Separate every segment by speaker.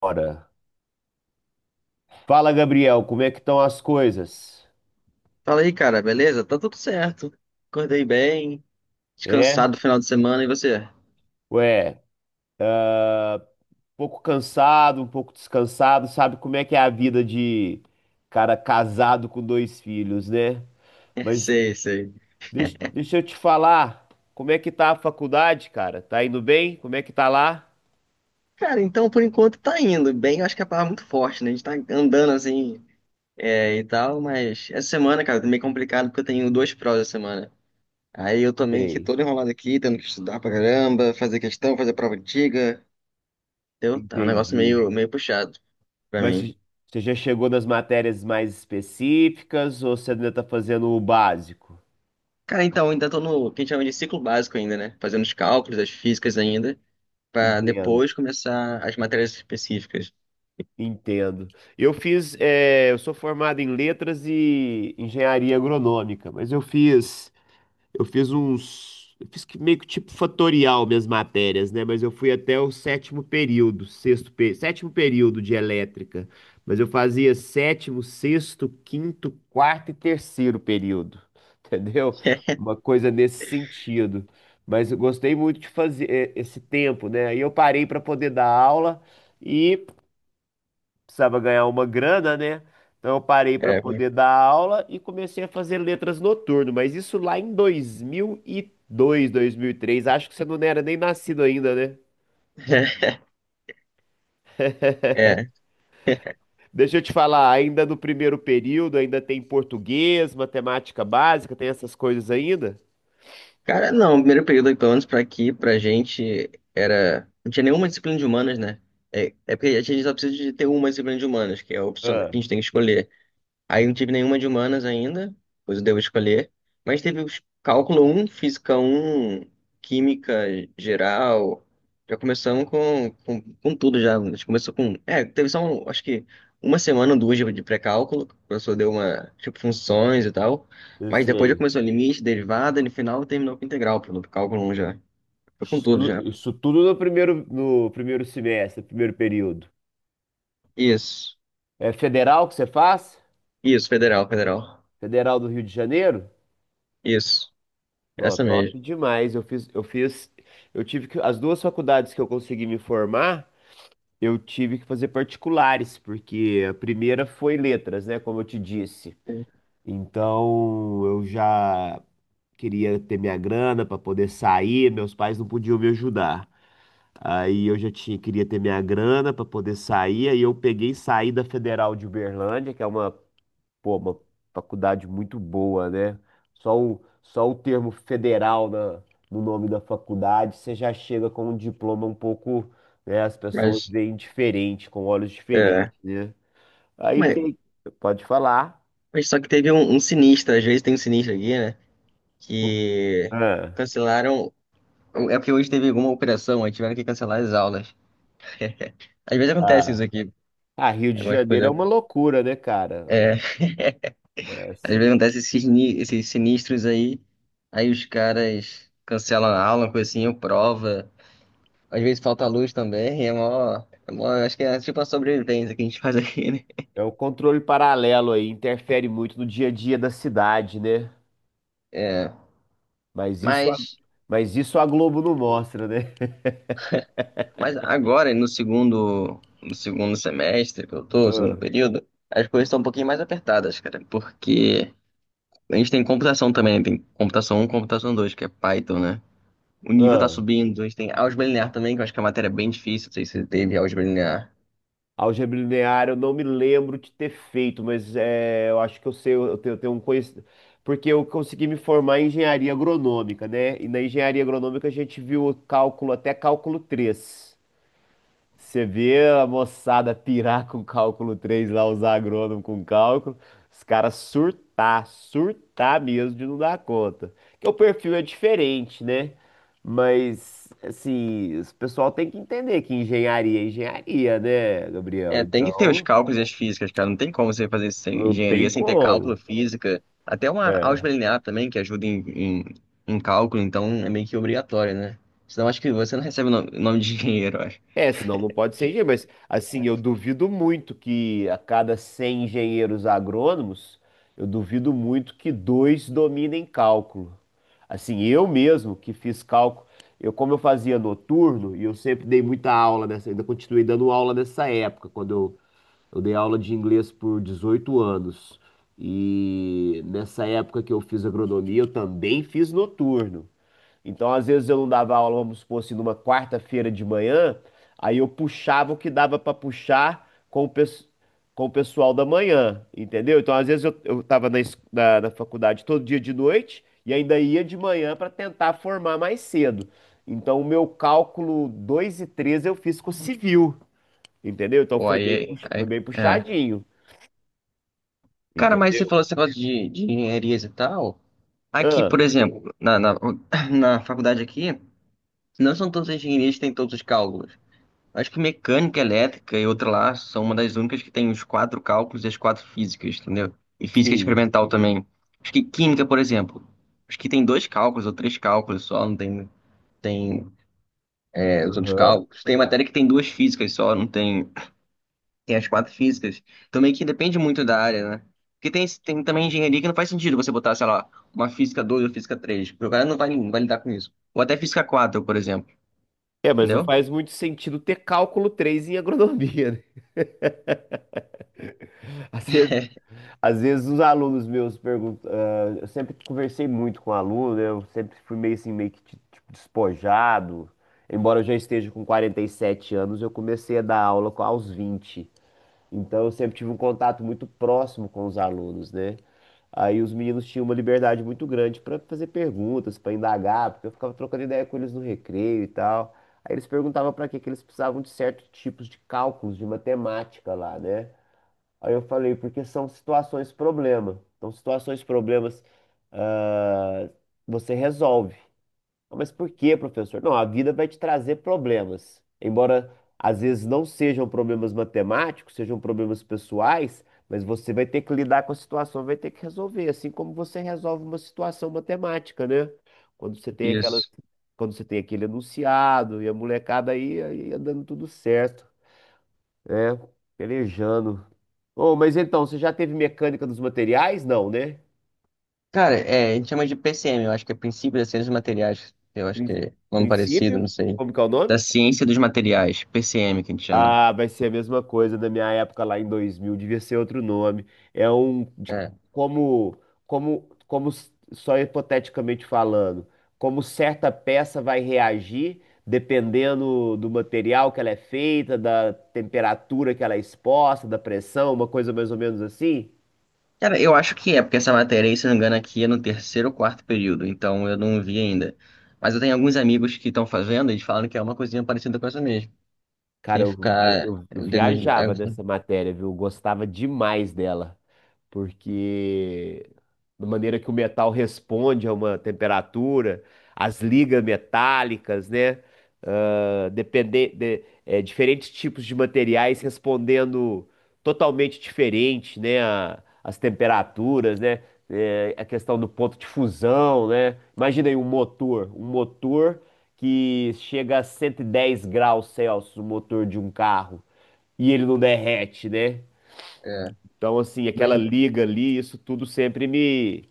Speaker 1: Ora. Fala, Gabriel, como é que estão as coisas?
Speaker 2: Fala aí, cara, beleza? Tá tudo certo. Acordei bem,
Speaker 1: É?
Speaker 2: descansado no final de semana, e você?
Speaker 1: Ué, um pouco cansado, um pouco descansado, sabe como é que é a vida de cara casado com dois filhos, né? Mas
Speaker 2: Sei, sei.
Speaker 1: deixa eu te falar, como é que tá a faculdade, cara? Tá indo bem? Como é que tá lá?
Speaker 2: Cara, então por enquanto tá indo bem, eu acho que é a palavra muito forte, né? A gente tá andando assim é, e tal, mas essa semana, cara, tá meio complicado porque eu tenho duas provas essa semana. Aí eu tô meio que
Speaker 1: Sei,
Speaker 2: todo enrolado aqui, tendo que estudar pra caramba, fazer questão, fazer prova antiga. Entendeu? Tá um negócio
Speaker 1: entendi.
Speaker 2: meio puxado pra
Speaker 1: Mas
Speaker 2: mim.
Speaker 1: você já chegou nas matérias mais específicas ou você ainda tá fazendo o básico?
Speaker 2: Cara, então, ainda tô no que a gente chama de ciclo básico ainda, né? Fazendo os cálculos, as físicas ainda, para
Speaker 1: Entendo.
Speaker 2: depois começar as matérias específicas.
Speaker 1: Entendo. Eu sou formado em letras e engenharia agronômica, mas eu fiz que meio que tipo fatorial minhas matérias, né? Mas eu fui até o sétimo período, sexto, sétimo período de elétrica, mas eu fazia sétimo, sexto, quinto, quarto e terceiro período, entendeu? Uma coisa nesse sentido. Mas eu gostei muito de fazer esse tempo, né? Aí eu parei para poder dar aula. E precisava ganhar uma grana, né? Então eu parei para
Speaker 2: É,
Speaker 1: poder dar aula e comecei a fazer letras noturno, mas isso lá em 2002, dois mil e três. Acho que você não era nem nascido ainda, né?
Speaker 2: é, é.
Speaker 1: Deixa eu te falar, ainda no primeiro período, ainda tem português, matemática básica, tem essas coisas ainda?
Speaker 2: Cara, não, o primeiro período, pelo menos pra aqui, pra gente, era. Não tinha nenhuma disciplina de humanas, né? É, é porque a gente só precisa de ter uma disciplina de humanas, que é a opção que
Speaker 1: Ah,
Speaker 2: a gente tem que escolher. Aí não tive nenhuma de humanas ainda, pois eu devo escolher. Mas teve os cálculo um, física um, química geral. Já começamos com tudo já. A gente começou com. É, teve só, acho que uma semana ou duas de pré-cálculo, que o professor deu uma, tipo, funções e tal.
Speaker 1: eu
Speaker 2: Mas depois já
Speaker 1: sei.
Speaker 2: começou limite, derivada, e no final terminou com integral, pelo cálculo um já. Foi com tudo já.
Speaker 1: Isso tudo no primeiro, no primeiro semestre, primeiro período.
Speaker 2: Isso.
Speaker 1: É federal que você faz?
Speaker 2: Isso, federal, federal.
Speaker 1: Federal do Rio de Janeiro?
Speaker 2: Isso.
Speaker 1: Não,
Speaker 2: Essa
Speaker 1: top
Speaker 2: mesmo.
Speaker 1: demais. Eu tive que, as duas faculdades que eu consegui me formar, eu tive que fazer particulares, porque a primeira foi letras, né, como eu te disse. Então, eu já queria ter minha grana para poder sair, meus pais não podiam me ajudar. Aí eu já tinha, queria ter minha grana para poder sair, aí eu peguei e saí da Federal de Uberlândia, que é uma pô, uma faculdade muito boa, né? Só o, só o termo federal na, no nome da faculdade, você já chega com um diploma um pouco, né? As pessoas
Speaker 2: Mas,
Speaker 1: veem diferente, com olhos diferentes,
Speaker 2: é
Speaker 1: né? Aí
Speaker 2: como é.
Speaker 1: tem, pode falar.
Speaker 2: Mas só que teve um sinistro, às vezes tem um sinistro aqui, né? Que
Speaker 1: Ah,
Speaker 2: cancelaram. É porque hoje teve alguma operação, aí tiveram que cancelar as aulas. Às vezes acontece isso
Speaker 1: ah,
Speaker 2: aqui,
Speaker 1: ah, Rio de
Speaker 2: algumas
Speaker 1: Janeiro é
Speaker 2: coisas.
Speaker 1: uma loucura, né, cara?
Speaker 2: É,
Speaker 1: É
Speaker 2: às vezes
Speaker 1: assim,
Speaker 2: acontece esses sinistros aí, aí os caras cancelam a aula, uma coisa assim, ou prova. Às vezes falta luz também, é mó, é mó. Acho que é tipo a sobrevivência que a gente faz aqui, né?
Speaker 1: é o controle paralelo aí, interfere muito no dia a dia da cidade, né?
Speaker 2: É.
Speaker 1: Mas isso, a-
Speaker 2: Mas.
Speaker 1: mas isso a Globo não mostra, né?
Speaker 2: Mas agora, no segundo semestre que eu tô, no segundo
Speaker 1: Ah,
Speaker 2: período, as coisas estão um pouquinho mais apertadas, cara, porque a gente tem computação também, tem computação um computação 2 que é Python, né? O nível tá
Speaker 1: ah.
Speaker 2: subindo, a gente tem álgebra linear também, que eu acho que é uma matéria é bem difícil, não sei se você teve álgebra linear.
Speaker 1: Álgebra linear, eu não me lembro de ter feito, mas é, eu acho que eu sei, eu tenho um conhecimento. Porque eu consegui me formar em engenharia agronômica, né? E na engenharia agronômica a gente viu o cálculo até cálculo três. Você vê a moçada pirar com cálculo 3 lá, usar agrônomo com cálculo, os caras surtar, surtar mesmo de não dar conta. Que o perfil é diferente, né? Mas, assim, o pessoal tem que entender que engenharia é engenharia, né, Gabriel?
Speaker 2: É, tem que ter os
Speaker 1: Então,
Speaker 2: cálculos e as físicas, cara, não tem como você fazer
Speaker 1: não tem
Speaker 2: engenharia sem ter cálculo,
Speaker 1: como.
Speaker 2: física, até uma álgebra linear também, que ajuda em cálculo, então é meio que obrigatório, né? Senão acho que você não recebe o nome de engenheiro.
Speaker 1: É, senão não pode ser engenheiro, mas assim, eu duvido muito que a cada 100 engenheiros agrônomos, eu duvido muito que dois dominem cálculo. Assim, eu mesmo que fiz cálculo, eu como eu fazia noturno e eu sempre dei muita aula nessa, ainda continuei dando aula nessa época, quando eu dei aula de inglês por 18 anos. E nessa época que eu fiz agronomia, eu também fiz noturno. Então, às vezes eu não dava aula, vamos supor assim, numa quarta-feira de manhã, aí eu puxava o que dava pra puxar com o pessoal da manhã, entendeu? Então, às vezes eu tava na faculdade todo dia de noite e ainda ia de manhã pra tentar formar mais cedo. Então, o meu cálculo 2 e 3 eu fiz com civil, entendeu? Então,
Speaker 2: Pô,
Speaker 1: foi bem,
Speaker 2: aí,
Speaker 1: foi
Speaker 2: aí,
Speaker 1: bem
Speaker 2: é.
Speaker 1: puxadinho,
Speaker 2: Cara, mas você
Speaker 1: entendeu?
Speaker 2: falou esse negócio de engenharias e tal. Aqui,
Speaker 1: Ah,
Speaker 2: por exemplo, na faculdade aqui, não são todas as engenharias que têm todos os cálculos. Acho que mecânica, elétrica e outra lá são uma das únicas que tem os quatro cálculos e as quatro físicas, entendeu? E física
Speaker 1: sim.
Speaker 2: experimental também. Acho que química, por exemplo, acho que tem dois cálculos ou três cálculos só, não tem, tem é, os outros
Speaker 1: Aham.
Speaker 2: cálculos. Tem matéria que tem duas físicas só, não tem. Tem as quatro físicas. Então meio que depende muito da área, né? Porque tem também engenharia que não faz sentido você botar, sei lá, uma física 2 ou física três. O cara não vai lidar com isso. Ou até física quatro, por exemplo.
Speaker 1: É, mas não
Speaker 2: Entendeu?
Speaker 1: faz muito sentido ter cálculo 3 em agronomia, né? Às vezes Às vezes os alunos meus perguntam, ah, eu sempre conversei muito com aluno, né? Eu sempre fui meio assim, meio que tipo, despojado. Embora eu já esteja com 47 anos, eu comecei a dar aula aos 20. Então eu sempre tive um contato muito próximo com os alunos, né? Aí os meninos tinham uma liberdade muito grande para fazer perguntas, para indagar, porque eu ficava trocando ideia com eles no recreio e tal. Aí eles perguntavam para que que eles precisavam de certos tipos de cálculos, de matemática lá, né? Aí eu falei, porque são situações problema. Então, situações problemas, ah, você resolve. "Ah, mas por quê, professor? Não, a vida vai te trazer problemas. Embora às vezes não sejam problemas matemáticos, sejam problemas pessoais, mas você vai ter que lidar com a situação, vai ter que resolver, assim como você resolve uma situação matemática, né? Quando você tem aquela,
Speaker 2: Isso.
Speaker 1: quando você tem aquele enunciado e a molecada aí, aí ia dando tudo certo. É, pelejando. Oh, mas então, você já teve mecânica dos materiais? Não, né?
Speaker 2: Cara, é, a gente chama de PCM, eu acho que é Princípio da Ciência dos Materiais. Eu acho que
Speaker 1: Prin-
Speaker 2: é nome
Speaker 1: Princípio?
Speaker 2: parecido, não sei.
Speaker 1: Como que é o nome?
Speaker 2: Da Ciência dos Materiais, PCM que a gente chama.
Speaker 1: Ah, vai ser a mesma coisa da minha época lá em 2000. Devia ser outro nome. É um de-
Speaker 2: É.
Speaker 1: como só hipoteticamente falando, como certa peça vai reagir dependendo do material que ela é feita, da temperatura que ela é exposta, da pressão, uma coisa mais ou menos assim.
Speaker 2: Cara, eu acho que é, porque essa matéria aí, se eu não me engano, aqui é no terceiro ou quarto período, então eu não vi ainda. Mas eu tenho alguns amigos que estão fazendo e eles falam que é uma coisinha parecida com essa mesmo.
Speaker 1: Cara,
Speaker 2: Sem
Speaker 1: eu, eu,
Speaker 2: ficar
Speaker 1: eu- eu
Speaker 2: dando.
Speaker 1: viajava nessa matéria, viu? Eu gostava demais dela, porque da maneira que o metal responde a uma temperatura, as ligas metálicas, né? Ah, depende, diferentes tipos de materiais respondendo totalmente diferente, né? As temperaturas, né? É, a questão do ponto de fusão, né? Imagina aí um motor que chega a 110 °C, o motor de um carro, e ele não derrete, né?
Speaker 2: É, é,
Speaker 1: Então, assim, aquela
Speaker 2: bem.
Speaker 1: liga ali, isso tudo sempre me,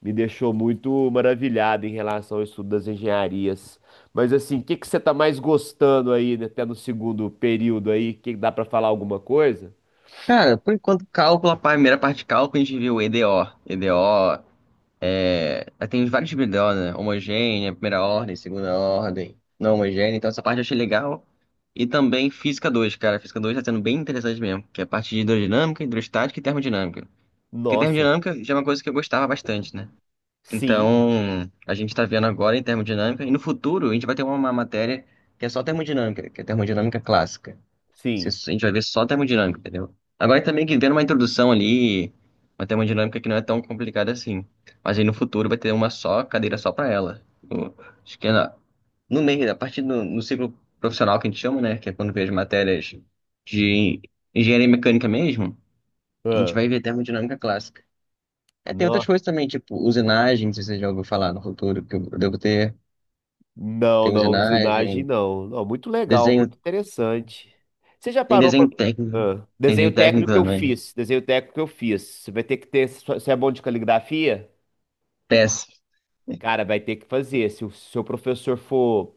Speaker 1: me deixou muito maravilhado em relação ao estudo das engenharias. Mas, assim, o que que você tá mais gostando aí, né, até no segundo período aí? Que dá para falar alguma coisa?
Speaker 2: Cara, por enquanto, cálculo, a primeira parte de cálculo, a gente viu EDO. EDO, é, aí tem vários tipos de EDO, né? Homogênea, primeira ordem, segunda ordem, não homogênea. Então, essa parte eu achei legal. E também Física dois, cara. Física 2 tá sendo bem interessante mesmo, que é a parte de hidrodinâmica, hidrostática e termodinâmica. Porque
Speaker 1: Nossa,
Speaker 2: termodinâmica já é uma coisa que eu gostava bastante, né?
Speaker 1: sim,
Speaker 2: Então, a gente tá vendo agora em termodinâmica, e no futuro a gente vai ter uma matéria que é só termodinâmica, que é termodinâmica clássica.
Speaker 1: sim.
Speaker 2: A gente vai ver só termodinâmica, entendeu? Agora é também que vendo uma introdução ali, uma termodinâmica que não é tão complicada assim. Mas aí no futuro vai ter uma só cadeira só para ela. Acho que é no meio, a partir do no ciclo profissional que a gente chama, né? Que é quando vê as matérias de engenharia mecânica mesmo, a gente
Speaker 1: Ah,
Speaker 2: vai ver termodinâmica clássica. É, tem outras coisas também, tipo usinagem, não sei se você já ouviu falar no futuro, que eu devo ter.
Speaker 1: não,
Speaker 2: Tem
Speaker 1: não, usinagem
Speaker 2: usinagem,
Speaker 1: não. Não, muito legal,
Speaker 2: desenho,
Speaker 1: muito interessante. Você já
Speaker 2: tem
Speaker 1: parou para
Speaker 2: desenho técnico. Tem desenho
Speaker 1: desenho
Speaker 2: técnico
Speaker 1: técnico que eu
Speaker 2: também.
Speaker 1: fiz, desenho técnico que eu fiz. Você vai ter que ter, você é bom de caligrafia,
Speaker 2: Péssimo.
Speaker 1: cara, vai ter que fazer. Se o seu professor for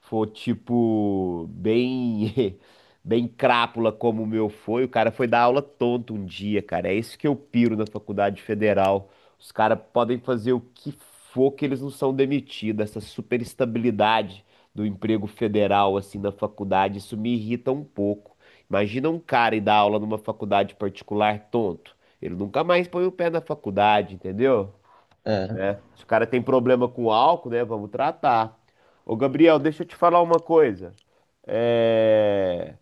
Speaker 1: for tipo bem bem crápula como o meu foi, o cara foi dar aula tonto um dia, cara. É isso que eu piro na faculdade federal. Os caras podem fazer o que for que eles não são demitidos. Essa super estabilidade do emprego federal assim na faculdade, isso me irrita um pouco. Imagina um cara ir dar aula numa faculdade particular tonto. Ele nunca mais põe o pé na faculdade, entendeu? Né? Se o cara tem problema com álcool, né? Vamos tratar. Ô, Gabriel, deixa eu te falar uma coisa. É,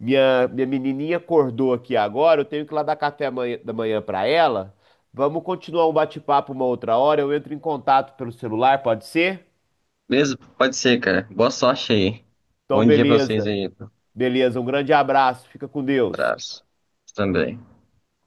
Speaker 1: Minha menininha acordou aqui agora, eu tenho que ir lá dar café da manhã pra ela. Vamos continuar um bate-papo uma outra hora. Eu entro em contato pelo celular, pode ser?
Speaker 2: Beleza? Pode ser, cara. Boa sorte aí.
Speaker 1: Então,
Speaker 2: Bom dia pra vocês
Speaker 1: beleza.
Speaker 2: aí.
Speaker 1: Beleza, um grande abraço. Fica com Deus.
Speaker 2: Abraço. Também.